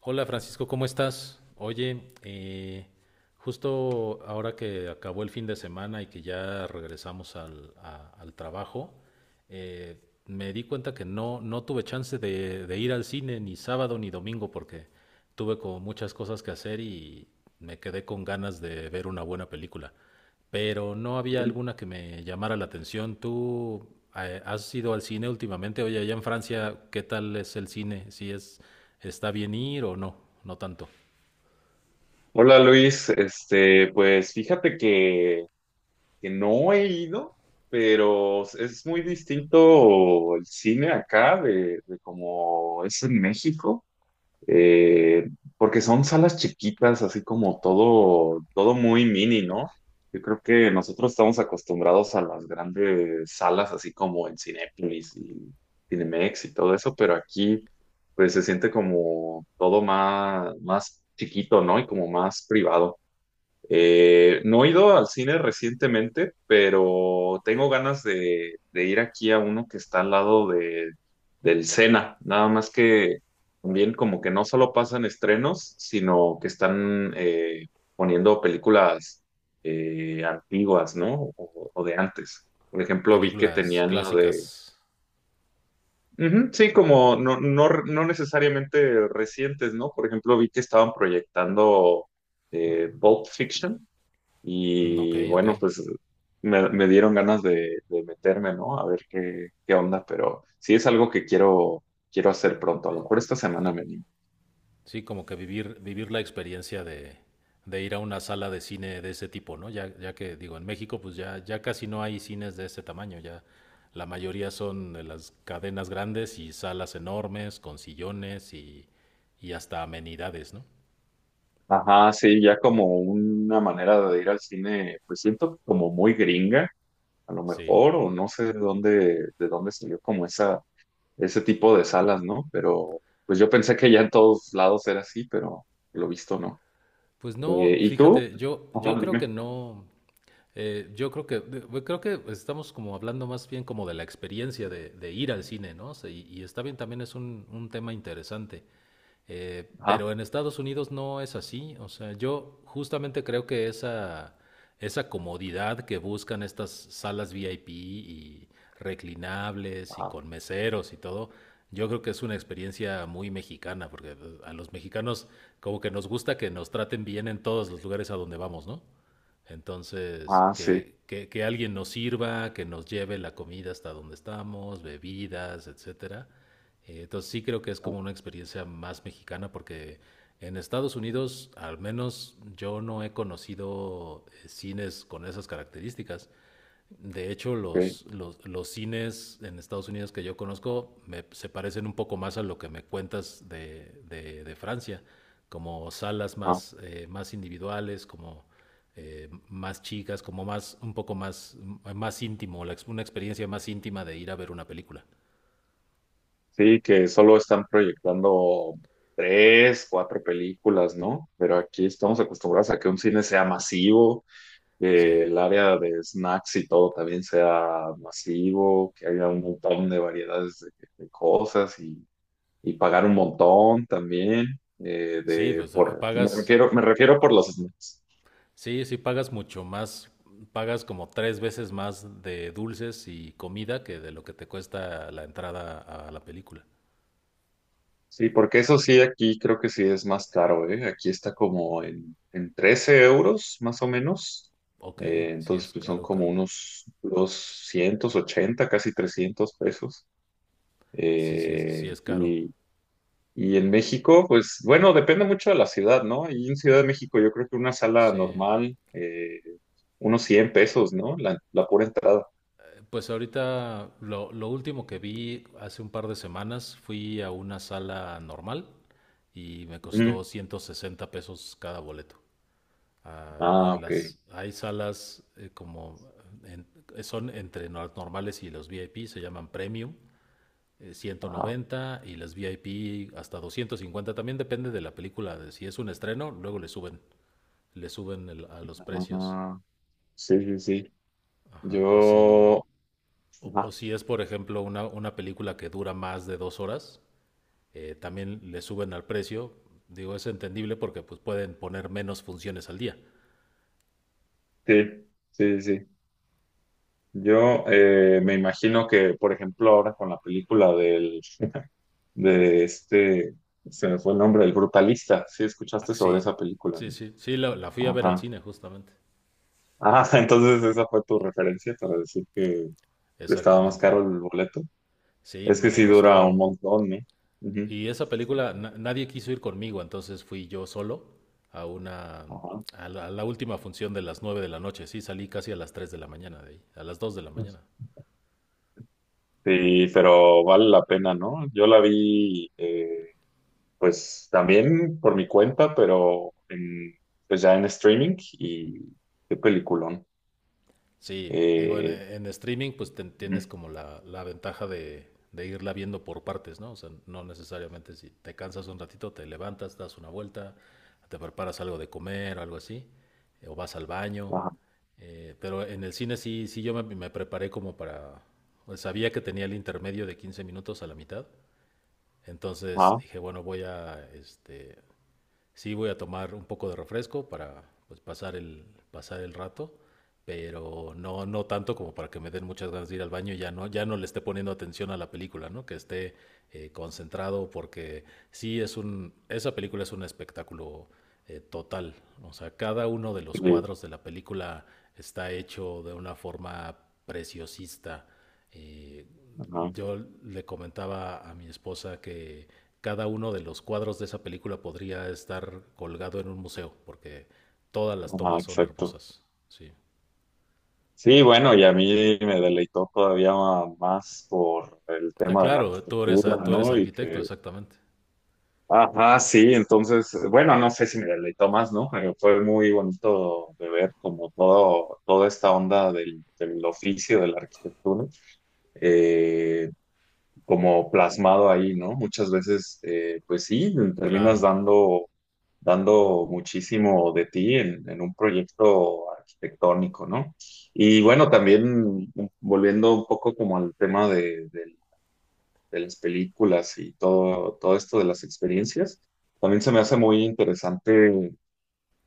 Hola Francisco, ¿cómo estás? Oye, justo ahora que acabó el fin de semana y que ya regresamos al trabajo, eh, me di cuenta que no tuve chance de ir al cine ni sábado ni domingo porque tuve como muchas cosas que hacer y me quedé con ganas de ver una buena película pero no había alguna que me llamara la atención. ¿Tú has ido al cine últimamente? Oye, allá en Francia, ¿qué tal es el cine? ¿Si es está bien ir o no? No tanto. Hola Luis, pues fíjate que no he ido, pero es muy distinto el cine acá de como es en México. eh, Porque son salas chiquitas, así como todo, todo muy mini, ¿no? Yo creo que nosotros estamos acostumbrados a las grandes salas, así como en Cinépolis y Cinemex y todo eso, pero aquí pues se siente como todo más, más chiquito, ¿no? Y como más privado. No he ido al cine recientemente, pero tengo ganas de ir aquí a uno que está al lado del Sena. Nada más que también como que no solo pasan estrenos, sino que están poniendo películas antiguas, ¿no? O de antes. Por ejemplo, vi que Películas tenían la de... clásicas. Ujú, sí, como no, no, no necesariamente recientes, ¿no? Por ejemplo, vi que estaban proyectando Pulp Fiction Mm, ok, y ok. bueno, pues me dieron ganas de meterme, ¿no? A ver qué, qué onda, pero sí es algo que quiero, quiero hacer pronto. A lo mejor esta semana me animo. Sí, como que vivir la experiencia de ir a una sala de cine de ese tipo, ¿no? Ya que digo, en México pues ya casi no hay cines de ese tamaño, ya la mayoría son de las cadenas grandes y salas enormes con sillones y hasta amenidades, ¿no? Ajá, sí, ya como una manera de ir al cine, pues siento como muy gringa, a lo Sí. mejor, o no sé de dónde salió como esa, ese tipo de salas, ¿no? Pero pues yo pensé que ya en todos lados era así, pero lo visto no. Pues no, ¿Y tú? fíjate, yo Ajá, creo que dime. no, yo creo que, bueno, creo que estamos como hablando más bien como de la experiencia de ir al cine, ¿no? O sea, y está bien, también es un tema interesante. Ajá, Pero en Estados Unidos no es así. O sea, yo justamente creo que esa comodidad que buscan estas salas VIP y reclinables y ajá, con meseros y todo, yo creo que es una experiencia muy mexicana, porque a los mexicanos como que nos gusta que nos traten bien en todos los lugares a donde vamos, ¿no? Entonces, ah, sí. Que alguien nos sirva, que nos lleve la comida hasta donde estamos, bebidas, etcétera. Entonces sí creo que es Ok. como una experiencia más mexicana porque en Estados Unidos al menos yo no he conocido cines con esas características. De hecho, los cines en Estados Unidos que yo conozco se parecen un poco más a lo que me cuentas de Francia, como salas Ajá. más, más individuales, como más chicas, como un poco más, más íntimo, una experiencia más íntima de ir a ver una película. Sí, que solo están proyectando tres, cuatro películas, ¿no? Pero aquí estamos acostumbrados a que un cine sea masivo, Sí. que el área de snacks y todo también sea masivo, que haya un montón de variedades de cosas y pagar un montón también Sí, de pues por me pagas, refiero me refiero por los snacks. Sí pagas mucho más, pagas como tres veces más de dulces y comida que de lo que te cuesta la entrada a la película. Sí, porque eso sí, aquí creo que sí es más caro, ¿eh? Aquí está como en 13 euros, más o menos. Ok, sí Entonces, es pues son algo como caro. unos 280, casi 300 pesos. Sí Eh, es caro. y, y en México, pues bueno, depende mucho de la ciudad, ¿no? Y en Ciudad de México yo creo que una sala Sí. normal, unos 100 pesos, ¿no? La pura entrada. Pues ahorita lo último que vi hace un par de semanas fui a una sala normal y me Ujú. costó 160 pesos cada boleto. Ah, Ah, en ok. las, hay salas como en- son entre las normales y los VIP, se llaman Premium, Ajá. 190 y las VIP hasta 250. También depende de la película, de si es un estreno, luego le suben a los Ah, precios. ah, sí, sí, sí. Ajá, o si, Yo... o ajá. si es, por ejemplo, una película que dura más de dos horas, también le suben al precio. Digo, es entendible porque pues, pueden poner menos funciones al día. Sí, sí, sí. Yo me imagino que, por ejemplo, ahora con la película del, de este, se me fue el nombre, el Brutalista, sí Ah, escuchaste sobre sí, esa película, sí, ¿no? sí, la, la fui a ver al Ajá. cine justamente, Ah, entonces esa fue tu referencia para decir que estaba más exactamente. caro el boleto. Sí, Es que me sí dura un costó. montón, ¿no? Ujú. Y esa película, nadie quiso ir conmigo, entonces fui yo solo a una, Ajá. A la última función de las 9 de la noche. Sí, salí casi a las 3 de la mañana de ahí, a las 2 de la mañana. Sí, pero vale la pena, ¿no? Yo la vi, pues también por mi cuenta, pero en- pues ya en streaming y qué peliculón. Sí, digo, Eh, en streaming pues ujú, tienes como la ventaja de irla viendo por partes, ¿no? O sea, no necesariamente si te cansas un ratito, te levantas, das una vuelta, te preparas algo de comer, algo así, o vas al baño. ajá, Pero en el cine sí, sí yo me preparé como para... pues, sabía que tenía el intermedio de 15 minutos a la mitad, entonces ajá, dije, bueno, voy a, este, sí voy a tomar un poco de refresco para pues, pasar el rato, pero no, no tanto como para que me den muchas ganas de ir al baño y ya no, ya no le esté poniendo atención a la película, ¿no? Que esté concentrado porque sí es un, esa película es un espectáculo total. O sea, cada uno de los sí, cuadros de la película está hecho de una forma preciosista. eh, ajá, yo le comentaba a mi esposa que cada uno de los cuadros de esa película podría estar colgado en un museo, porque todas las ajá, tomas son exacto. hermosas. Sí. Sí, bueno, y a mí me deleitó todavía más por el Ah, tema de la claro, arquitectura, tú eres ¿no? Y arquitecto, que, exactamente. ajá, sí, entonces, bueno, no sé si me deleitó más, ¿no? Pero fue muy bonito de ver como todo, toda esta onda del, del oficio de la arquitectura. Eh, Como plasmado ahí, ¿no? Muchas veces, pues sí, terminas Claro, dando, dando muchísimo de ti en un proyecto arquitectónico, ¿no? Y bueno, también volviendo un poco como al tema de, del- de las películas y todo, todo esto de las experiencias, también se me hace muy interesante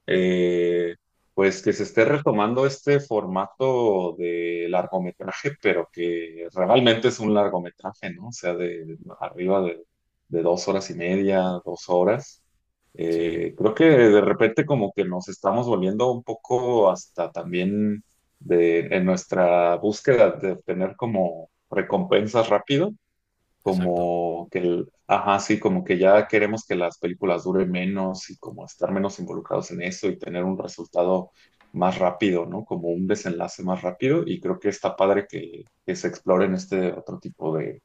eh, pues que se esté retomando este formato de largometraje, pero que realmente es un largometraje, ¿no? O sea, de arriba de 2 horas y media, 2 horas. sí, Creo que de repente como que nos estamos volviendo un poco hasta también de, en nuestra búsqueda de obtener como recompensas rápido exacto. como que el, ajá, sí, como que ya queremos que las películas duren menos y como estar menos involucrados en eso y tener un resultado más rápido, ¿no? Como un desenlace más rápido y creo que está padre que se exploren este otro tipo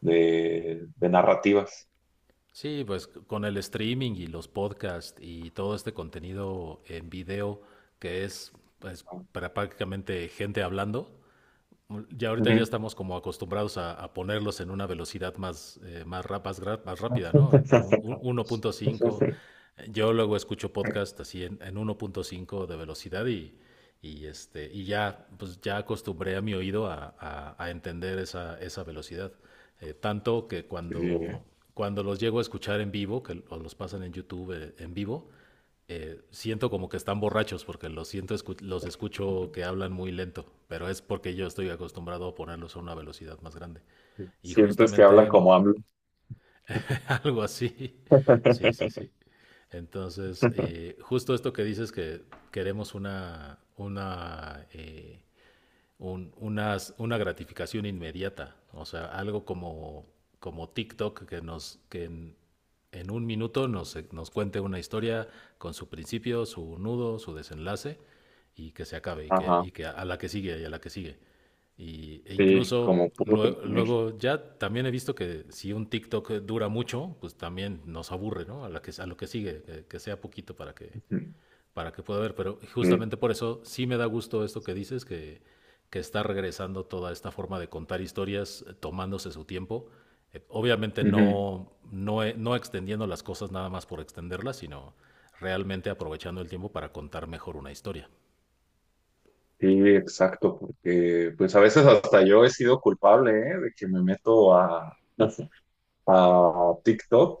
de narrativas. Sí, pues con el streaming y los podcasts y todo este contenido en video que es pues, ¿No? para prácticamente gente hablando, ya ahorita ya Ujú. estamos como acostumbrados a ponerlos en una velocidad más, más rápida, ¿no? En 1.5. Yo luego escucho podcast así en 1.5 de velocidad este, y ya, pues ya acostumbré a mi oído a, a entender esa, esa velocidad. Tanto que Sí, eh. cuando, cuando los llego a escuchar en vivo, que o los pasan en YouTube en vivo, siento como que están borrachos porque los siento los escucho que hablan muy lento, pero es porque yo estoy acostumbrado a ponerlos a una velocidad más grande. Y Sientes que hablan justamente como hablan. algo así. Sí, sí, sí. Entonces, justo esto que dices que queremos una una gratificación inmediata, o sea, algo como, como TikTok que nos que en un minuto nos cuente una historia con su principio, su nudo, su desenlace y que se acabe Ajá, y que a la que sigue y a la que sigue. Y, e sí, como incluso puro consumir. luego ya también he visto que si un TikTok dura mucho, pues también nos aburre, ¿no? A lo que sigue, que sea poquito Ujú, para que pueda ver, pero sí. justamente por eso sí me da gusto esto que dices, que está regresando toda esta forma de contar historias tomándose su tiempo. Obviamente Ujú. No extendiendo las cosas nada más por extenderlas, sino realmente aprovechando el tiempo para contar mejor una historia. Sí, exacto, porque pues a veces hasta yo he sido culpable, ¿eh? De que me meto a TikTok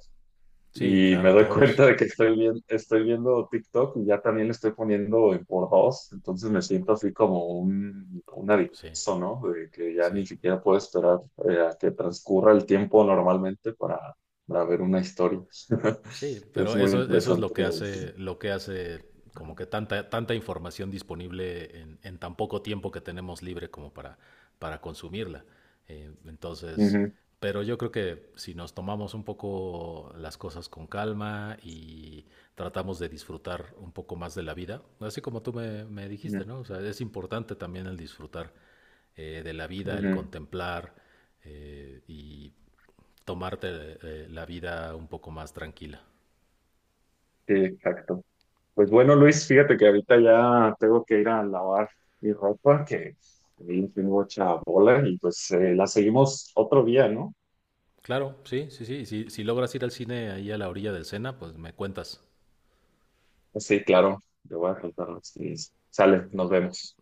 Sí, y me claro, doy todos. cuenta de que estoy, bien, estoy viendo TikTok y ya también le estoy poniendo en por 2, entonces me siento así como un adicto, Sí, ¿no? De que ya sí. ni siquiera puedo esperar a que transcurra el tiempo normalmente para ver una historia. Sí, Es pero muy eso es interesante. Ujú, lo que hace como que tanta, tanta información disponible en tan poco tiempo que tenemos libre como para consumirla. Entonces, pero yo creo que si nos tomamos un poco las cosas con calma y tratamos de disfrutar un poco más de la vida, así como tú me dijiste, ujú, ¿no? O sea, es importante también el disfrutar de la vida, el ujú. contemplar y tomarte de la vida un poco más tranquila. Sí, exacto. Pues bueno, Luis, fíjate que ahorita ya tengo que ir a lavar mi ropa, que vi tengo mucha bola, y pues la seguimos otro día, ¿no? Claro, sí, sí, sí. Si, si logras ir al cine ahí a la orilla del Sena, pues me cuentas. Sí, claro, te voy a contar. Sí, sale, nos vemos.